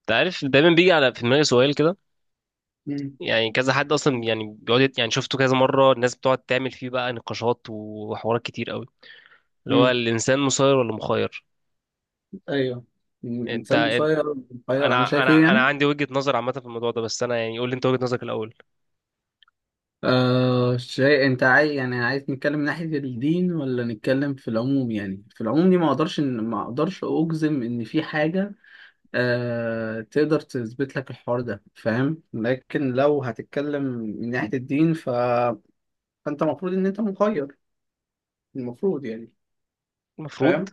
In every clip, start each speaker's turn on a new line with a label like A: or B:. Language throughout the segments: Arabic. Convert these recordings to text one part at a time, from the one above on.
A: انت عارف دايما بيجي على في دماغي سؤال كده.
B: مم.
A: يعني كذا حد اصلا يعني بيقعد يعني شفته كذا مره الناس بتقعد تعمل فيه بقى نقاشات وحوارات كتير قوي، اللي هو
B: مم.
A: الانسان مسير ولا مخير؟
B: ايوه.
A: انت,
B: الانسان
A: انت
B: مسير مسير، انا
A: انا
B: شايف ايه
A: انا انا
B: يعني.
A: عندي وجهه نظر عامه في الموضوع ده، بس انا يعني قول لي انت وجهه نظرك الاول.
B: شيء انت عايز، يعني عايز نتكلم من ناحية الدين ولا نتكلم في العموم؟ يعني في العموم دي ما اقدرش اجزم ان في حاجة تقدر تثبت لك الحوار ده، فاهم؟ لكن لو هتتكلم من ناحية الدين فانت المفروض ان انت مخير، المفروض يعني،
A: المفروض.
B: فاهم.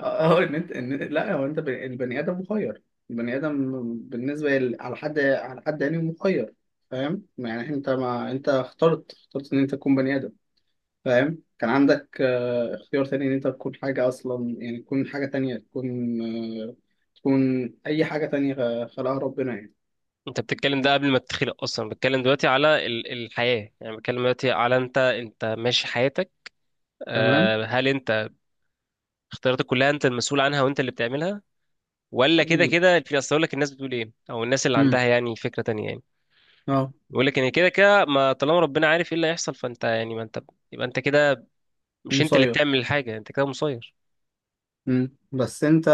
B: اه ان انت لا هو انت البني ادم مخير، البني ادم بالنسبه على حد، على حد يعني مخير، فاهم. يعني انت ما انت اخترت ان انت تكون بني ادم، فاهم. كان عندك اختيار تاني ان انت تكون حاجه اصلا، يعني تكون حاجه تانية، تكون آه، تكون اي حاجه تانية خلقها ربنا يعني.
A: انت بتتكلم ده قبل ما تتخلق اصلا، بتكلم دلوقتي على الحياه، يعني بتكلم دلوقتي على انت ماشي حياتك.
B: تمام.
A: آه، هل انت اختياراتك كلها انت المسؤول عنها وانت اللي بتعملها، ولا كده
B: ال-
A: كده في اصل؟ أقول لك الناس بتقول ايه او الناس اللي
B: امم
A: عندها يعني فكره تانية يعني.
B: اه.
A: بيقول لك ان كده كده ما طالما ربنا عارف ايه اللي هيحصل، فانت يعني ما انت، يبقى انت كده مش انت اللي
B: مسير.
A: بتعمل الحاجه، انت كده مسير.
B: بس انت،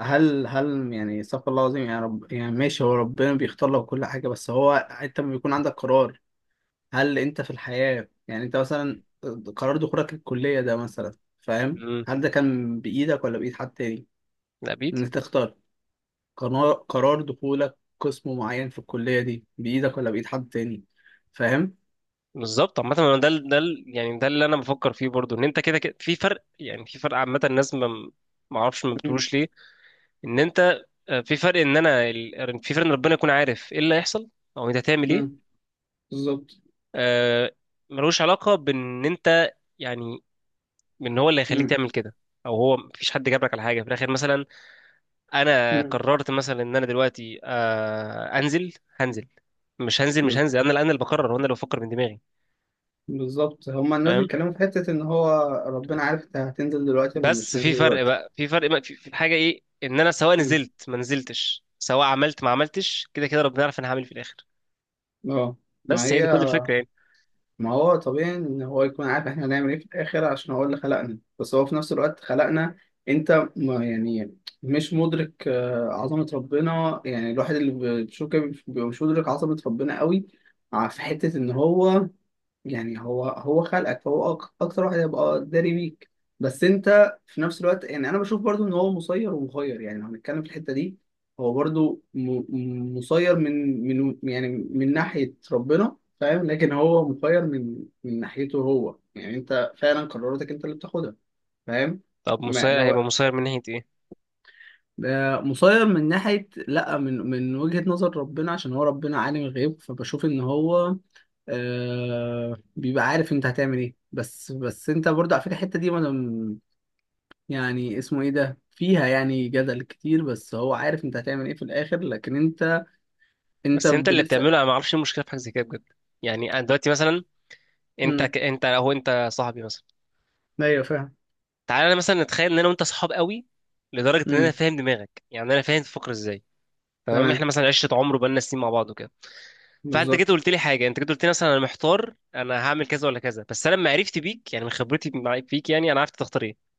B: هل يعني، استغفر الله العظيم، يعني رب، يعني ماشي، هو ربنا بيختار لك كل حاجة، بس هو انت لما بيكون عندك قرار، هل انت في الحياة يعني انت مثلا، قرار دخولك الكلية ده مثلا، فاهم،
A: امم.
B: هل ده كان بإيدك ولا بإيد حد تاني؟
A: لا
B: ان
A: بيدي.
B: انت تختار. قرار دخولك قسم معين في الكلية دي بإيدك ولا بإيد حد تاني؟ فاهم.
A: بالظبط. عامه انا ده ده يعني ده اللي انا بفكر فيه برضو، ان انت كده كده في فرق، يعني في فرق. عامه الناس ما اعرفش ما
B: مم،
A: بتقولوش ليه ان انت، آه، في فرق ان انا في فرق ان ربنا يكون عارف ايه اللي هيحصل او انت هتعمل ايه.
B: مم، بالظبط.
A: آه، ملوش علاقه بان انت يعني ان هو اللي هيخليك
B: مم،
A: تعمل كده، او هو مفيش حد جابلك على حاجه في الاخر مثلا. انا
B: مم،
A: قررت مثلا ان انا دلوقتي، آه، انزل، هنزل، مش هنزل، مش
B: بز-
A: هنزل، انا اللي بقرر وانا اللي بفكر من دماغي.
B: بالظبط. هما الناس
A: فاهم؟
B: بيتكلموا في حتة ان هو ربنا عارف انت هتنزل دلوقتي ولا مش
A: بس في
B: هتنزل
A: فرق
B: دلوقتي.
A: بقى، في فرق بقى، في حاجه ايه، ان انا سواء نزلت ما نزلتش، سواء عملت ما عملتش، كده كده ربنا يعرف انا هعمل إيه في الاخر.
B: اه. ما
A: بس هي
B: هي،
A: دي كل الفكره يعني.
B: ما هو طبيعي ان هو يكون عارف احنا هنعمل ايه في الاخر عشان هو اللي خلقنا، بس هو في نفس الوقت خلقنا. انت ما يعني مش مدرك عظمة ربنا، يعني الواحد اللي بتشوف كده بيبقى مش مدرك عظمة ربنا قوي. في حتة ان هو يعني، هو خلقك فهو اكتر واحد هيبقى داري بيك، بس انت في نفس الوقت يعني انا بشوف برضو ان هو مسير ومخير، يعني لو هنتكلم في الحتة دي، هو برضو مسير من يعني من ناحية ربنا، فاهم. لكن هو مخير من ناحيته هو، يعني انت فعلا قراراتك انت اللي بتاخدها، فاهم.
A: طب
B: ما
A: مصير،
B: لو
A: هيبقى مصير من ناحيه ايه؟
B: ده مسير من ناحية، لا، من وجهة نظر ربنا، عشان هو ربنا عالم الغيب، فبشوف ان هو بيبقى عارف انت هتعمل ايه، بس انت برضه على فكره الحته دي، وانا يعني اسمه ايه ده، فيها يعني جدل كتير، بس هو عارف انت هتعمل ايه في الاخر، لكن انت، انت
A: بس انت اللي بتعمله،
B: لسه.
A: انا ما اعرفش إيه المشكله في حاجه زي كده بجد. يعني انا دلوقتي مثلا،
B: امم
A: انت هو انت صاحبي مثلا،
B: ايوه، فاهم.
A: تعالى انا مثلا نتخيل ان انا وانت صحاب قوي لدرجه ان انا
B: امم
A: فاهم دماغك، يعني انا فاهم تفكر ازاي. تمام،
B: تمام.
A: احنا مثلا عشره عمر وبقالنا سنين مع بعض وكده، فانت جيت
B: بالظبط.
A: قلت لي حاجه، انت جيت قلت لي مثلا انا محتار انا هعمل كذا ولا كذا، بس انا لما عرفت بيك يعني من خبرتي فيك، يعني انا عرفت تختار ايه.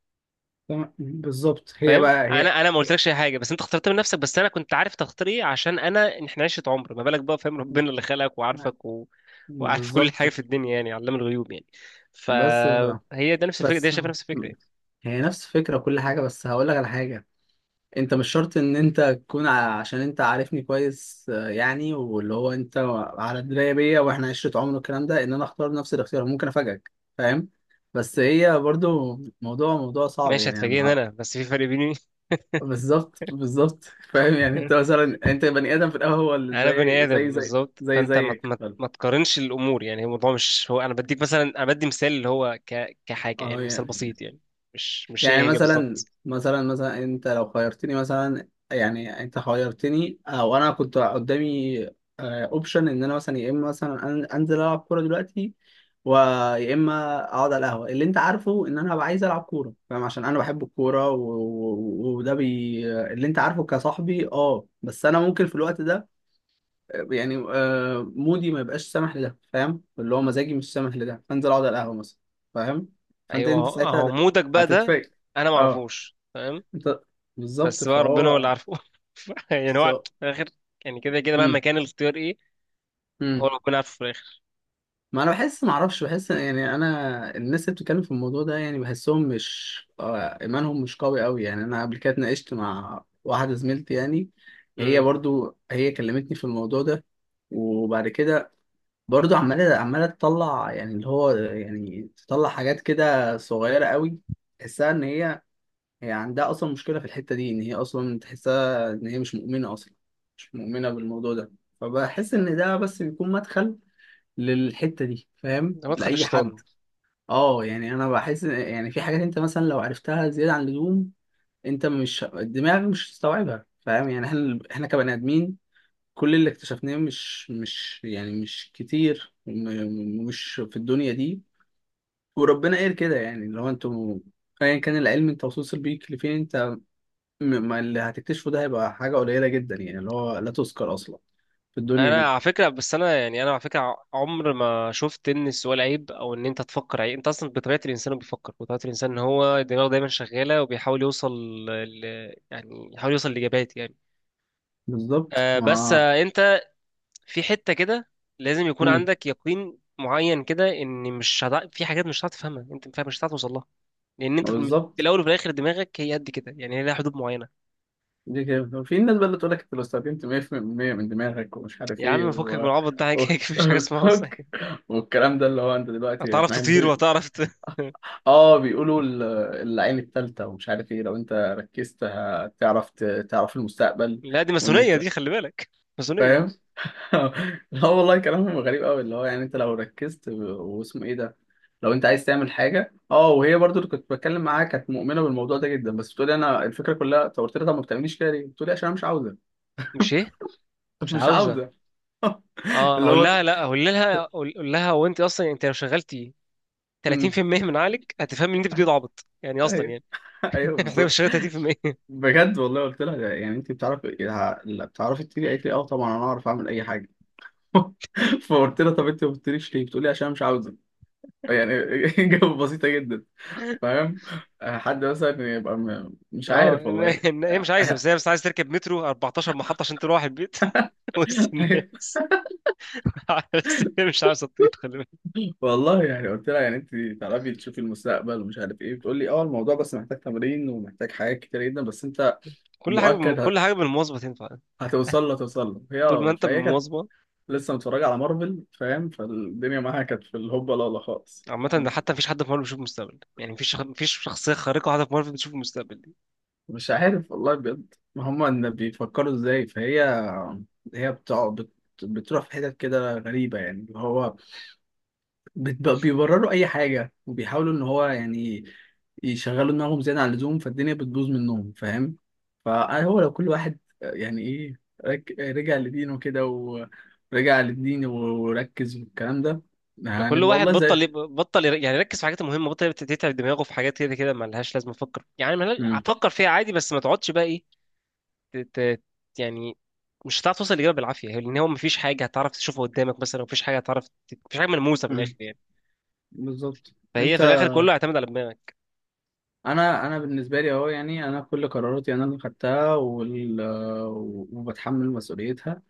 B: تمام. بالظبط. هي
A: فاهم؟
B: بقى هي
A: انا ما قلتلكش اي حاجه، بس انت اخترت من نفسك، بس انا كنت عارف تختار ايه عشان انا احنا عشره عمر. ما بالك بقى، فاهم،
B: مم.
A: ربنا اللي خلقك وعارفك وعارف كل
B: بالظبط.
A: حاجه في الدنيا، يعني علام الغيوب يعني.
B: بس ف...
A: فهي ده نفس الفكره دي،
B: بس
A: شايفه نفس الفكره يعني.
B: هي نفس الفكره وكل حاجه، بس هقول لك على حاجه. انت مش شرط ان انت تكون عشان انت عارفني كويس، يعني واللي هو انت على درايه بيا، واحنا عشره عمر والكلام ده، ان انا اختار نفس الاختيار، ممكن افاجئك، فاهم. بس هي برضو موضوع صعب
A: ماشي
B: يعني،
A: هتفاجئني انا، بس في فرق بيني.
B: بالظبط، بالظبط. فاهم، يعني انت مثلا انت بني ادم في الاول، هو اللي
A: يعني انا بني
B: زي
A: ادم
B: زي زي
A: بالظبط،
B: زي
A: فانت ما
B: زيك.
A: ما ما تقارنش الامور، يعني هو الموضوع مش هو، انا بديك مثلا، انا بدي مثال اللي هو كحاجه، يعني
B: اه
A: مثال
B: يعني،
A: بسيط يعني. مش مش هي
B: يعني
A: هي
B: مثلا
A: بالظبط.
B: مثلا مثلا انت لو خيرتني مثلا، يعني انت خيرتني او انا كنت قدامي اوبشن ان انا مثلا، يا اما مثلا انزل العب كوره دلوقتي، ويا اما اقعد على القهوه. اللي انت عارفه ان انا هبقى عايز العب كوره، فاهم، عشان انا بحب الكوره وده بي اللي انت عارفه كصاحبي. اه، بس انا ممكن في الوقت ده يعني مودي ما يبقاش سامح لده، فاهم. اللي هو مزاجي مش سامح لده، فانزل اقعد على القهوه مثلا، فاهم. فانت
A: ايوه
B: انت
A: هو
B: ساعتها
A: هو مودك بقى ده،
B: هتتفاجئ.
A: انا ما
B: اه.
A: اعرفوش. تمام.
B: انت. بالظبط.
A: بس بقى ربنا هو اللي
B: فهو.
A: عارفه. يعني
B: بس-
A: هو في الاخر، يعني كده كده مهما
B: امم
A: كان الاختيار ايه، هو
B: امم.
A: ربنا عارفه في الاخر.
B: ما انا بحس ما اعرفش، بحس يعني، انا الناس اللي بتتكلم في الموضوع ده يعني بحسهم مش ايمانهم مش قوي قوي يعني. انا قبل كده اتناقشت مع واحده زميلتي يعني، هي
A: امم.
B: برضو هي كلمتني في الموضوع ده، وبعد كده برضو عماله تطلع، يعني اللي هو يعني تطلع حاجات كده صغيره قوي، تحسها ان هي، هي عندها اصلا مشكله في الحته دي، ان هي اصلا تحسها ان هي مش مؤمنه اصلا، مش مؤمنه بالموضوع ده. فبحس ان ده بس بيكون مدخل للحته دي، فاهم،
A: ده مدخل
B: لاي حد.
A: الشيطان.
B: اه، يعني انا بحس يعني في حاجات انت مثلا لو عرفتها زياده عن اللزوم، انت مش، الدماغ مش هتستوعبها، فاهم. يعني احنا كبني ادمين، كل اللي اكتشفناه مش يعني مش كتير مش في الدنيا دي. وربنا قال كده، يعني لو انتوا ايا كان العلم انت وصلت بيك لفين، انت ما اللي هتكتشفه ده هيبقى حاجة قليلة جدا، يعني اللي هو لا تذكر أصلا في الدنيا
A: انا
B: دي.
A: على فكره، بس انا يعني انا على فكره، عمر ما شفت ان السؤال عيب او ان انت تفكر عيب. انت اصلا بطبيعه الانسان بيفكر، بطبيعه الانسان ان هو دماغه دايما شغاله وبيحاول يوصل ل... يعني يحاول يوصل لاجابات يعني.
B: بالظبط.
A: آه، بس
B: ما
A: آه انت في حته كده لازم يكون
B: مم.
A: عندك يقين معين كده ان مش هتع... في حاجات مش هتعرف تفهمها، انت مش فاهم- مش هتعرف توصل لها، لان
B: ما
A: انت في
B: بالظبط.
A: الاول وفي الاخر دماغك هي قد كده، يعني هي لها حدود معينه.
B: دي كده في الناس بقى اللي تقول لك أنت لو استخدمت 100% من دماغك ومش عارف
A: يا
B: إيه
A: عم فكك من العبط ده،
B: و...
A: مفيش حاجه اسمها اصلا كده.
B: والكلام ده، اللي هو أنت دلوقتي
A: هتعرف
B: إحنا
A: تطير وهتعرف.
B: بيقولوا العين التالتة ومش عارف إيه، لو أنت ركزت هتعرف تعرف المستقبل،
A: لا، دي
B: وإن
A: ماسونية
B: أنت،
A: دي، خلي بالك. ماسونية دي.
B: فاهم. لا والله كلامهم غريب قوي، اللي هو يعني انت لو ركزت واسمه ايه ده، لو انت عايز تعمل حاجه. اه، وهي برضو اللي كنت بتكلم معاها كانت مؤمنه بالموضوع ده جدا، بس بتقولي انا الفكره كلها. طب قلت لها طب ما بتعمليش كده ليه؟ بتقولي عشان انا مش عاوزه.
A: مش ايه؟ مش
B: مش
A: عاوزة.
B: عاوزه.
A: اه،
B: اللي
A: اقول
B: هو.
A: لها لا، اقول لها اقول أقول لها، هو انت اصلا انت لو شغلتي
B: امم.
A: 30% من عقلك هتفهمي ان انت بتقولي
B: ايوه.
A: ده عبط يعني اصلا
B: ايوه.
A: يعني.
B: أيوة
A: محتاجة
B: بالظبط.
A: تشتغلي 30%.
B: بجد والله قلت لها ده، يعني انت بتعرفي، لا بتعرفي تطيري؟ قالت لي اه، طبعا انا اعرف اعمل اي حاجه. فقلت لها طب انت ما بتطيريش ليه؟ بتقولي عشان انا مش عاوزه يعني. اجابه بسيطه جدا، فاهم. حد مثلا يبقى مش
A: اه،
B: عارف والله
A: إن هي مش عايزة،
B: يعني.
A: بس عايزة تركب مترو 14 محطة عشان تروح البيت، وسط الناس، بس هي مش عايزة تطير، خلي بالك.
B: والله يعني قلت لها، يعني انت تعرفي تشوفي المستقبل ومش عارف ايه؟ بتقول لي اه، الموضوع بس محتاج تمرين ومحتاج حاجات كتير جدا، بس انت مؤكد
A: كل حاجة بالمواظبة تنفع،
B: هتوصل له هي.
A: طول ما
B: اه.
A: انت
B: فهي كانت
A: بالمواظبة.
B: لسه متفرجه على مارفل، فاهم، فالدنيا معاها كانت في الهوبا، لا لا خالص.
A: عامة، ده
B: فاهم؟
A: حتى مفيش حد في مارفل بيشوف المستقبل، يعني مفيش شخصية خارقة واحدة في مارفل بتشوف المستقبل.
B: مش عارف والله بجد، هما ان بيفكروا ازاي. فهي هي بتقعد بتروح في حتت كده غريبه، يعني اللي هو بيبرروا اي حاجه، وبيحاولوا ان هو يعني يشغلوا دماغهم زياده عن اللزوم، فالدنيا بتبوظ منهم، فاهم. فهو لو كل واحد، يعني ايه، رجع لدينه كده، ورجع للدين وركز والكلام ده،
A: ده كل
B: هنبقى
A: واحد
B: والله زي.
A: بطل يب- بطل ير- يعني يركز في الحاجات المهمه، يتعب دماغه في حاجات كده كده ما لهاش لازمه افكر يعني ما لها-
B: مم.
A: افكر فيها عادي، بس ما تقعدش بقى ايه، ت- ت- يعني مش هتعرف توصل للاجابه بالعافيه، لان هو ما فيش حاجه هتعرف تشوفها قدامك مثلا، ما فيش حاجه ما فيش حاجه ملموسه من الاخر
B: مم.
A: يعني.
B: بالظبط.
A: فهي
B: انت.
A: في الاخر كله يعتمد على دماغك.
B: انا انا بالنسبه لي اهو، يعني انا كل قراراتي انا اللي خدتها وبتحمل مسؤوليتها.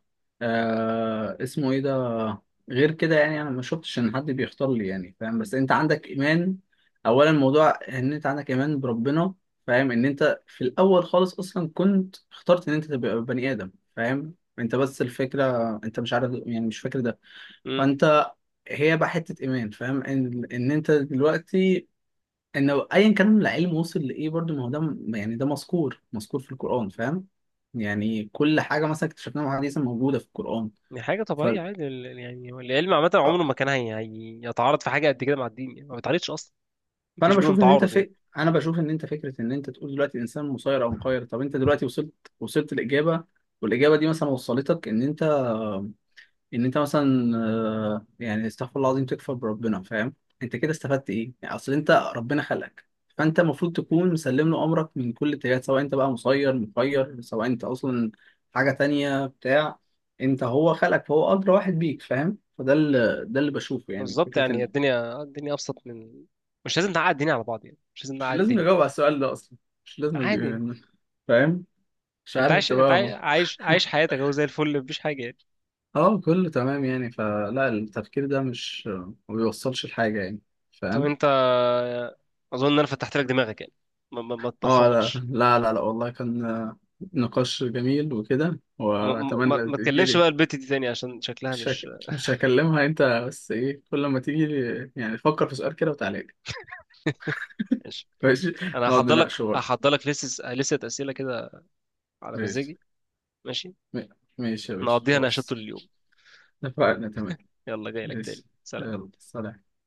B: اسمه ايه ده، غير كده يعني انا ما شفتش ان حد بيختار لي يعني، فاهم. بس انت عندك ايمان، اولا الموضوع ان انت عندك ايمان بربنا، فاهم، ان انت في الاول خالص اصلا كنت اخترت ان انت تبقى بني ادم، فاهم، انت بس الفكره انت مش عارف يعني، مش فاكر ده.
A: امم.
B: فانت هي بقى حته ايمان، فاهم، ان ان انت دلوقتي، ان ايا كان العلم وصل لايه، برضو ما هو ده، يعني ده مذكور، مذكور في القران، فاهم، يعني كل حاجه مثلا اكتشفناها حديثا موجوده في القران.
A: دي حاجه طبيعيه عادي، يعني هو العلم عامه
B: اه.
A: عمره ما كان هيتعارض في حاجه قد كده مع الدين، يعني ما بيتعارضش اصلا، ما
B: فانا
A: فيش بينهم
B: بشوف ان انت
A: تعارض يعني.
B: انا بشوف ان انت فكره، ان انت تقول دلوقتي الانسان مسير او مخير، طب انت دلوقتي وصلت، وصلت الاجابه، والاجابه دي مثلا وصلتك ان انت، ان انت مثلا يعني استغفر الله العظيم تكفر بربنا، فاهم، انت كده استفدت ايه؟ يعني اصل انت ربنا خلقك، فانت المفروض تكون مسلم له امرك من كل اتجاهات، سواء انت بقى مسير مخير، سواء انت اصلا حاجه تانية بتاع، انت هو خلقك فهو ادرى واحد بيك، فاهم. فده اللي، ده اللي بشوفه، يعني
A: بالظبط،
B: فكره
A: يعني
B: ان
A: الدنيا، الدنيا ابسط من، مش لازم نعقد الدنيا على بعض، يعني مش لازم
B: مش
A: نعقد
B: لازم
A: الدنيا.
B: نجاوب على السؤال ده اصلا، مش لازم
A: عادي.
B: فاهم. مش
A: انت
B: عارف
A: عايش،
B: انت
A: انت عاي-
B: فاهمه؟
A: عايش عايش حياتك اهو زي الفل، مفيش حاجه يعني.
B: اه كله تمام، يعني فلا، التفكير ده مش، ما بيوصلش لحاجة يعني،
A: طب
B: فاهم.
A: انت، اظن ان انا فتحت لك دماغك يعني، ما
B: اه لا
A: تتحورش.
B: لا لا, لا والله كان نقاش جميل وكده،
A: ما ما
B: واتمنى
A: ما تكلمش
B: تجيلي.
A: بقى البت دي تاني عشان شكلها مش.
B: مش هكلمها انت، بس ايه، كل ما تيجي يعني فكر في سؤال كده وتعالى لي.
A: ماشي،
B: ماشي،
A: انا
B: نقعد
A: هحضر لك
B: نناقشه بقى.
A: هحضر لك لسه، لسه اسئله كده على
B: ماشي.
A: مزاجي، ماشي.
B: م- ماشي يا باشا،
A: نقضيها نقاشات
B: خلاص،
A: طول اليوم.
B: اتفقنا، تمام.
A: يلا جاي لك تاني،
B: ماشي،
A: سلام.
B: يلا سلام.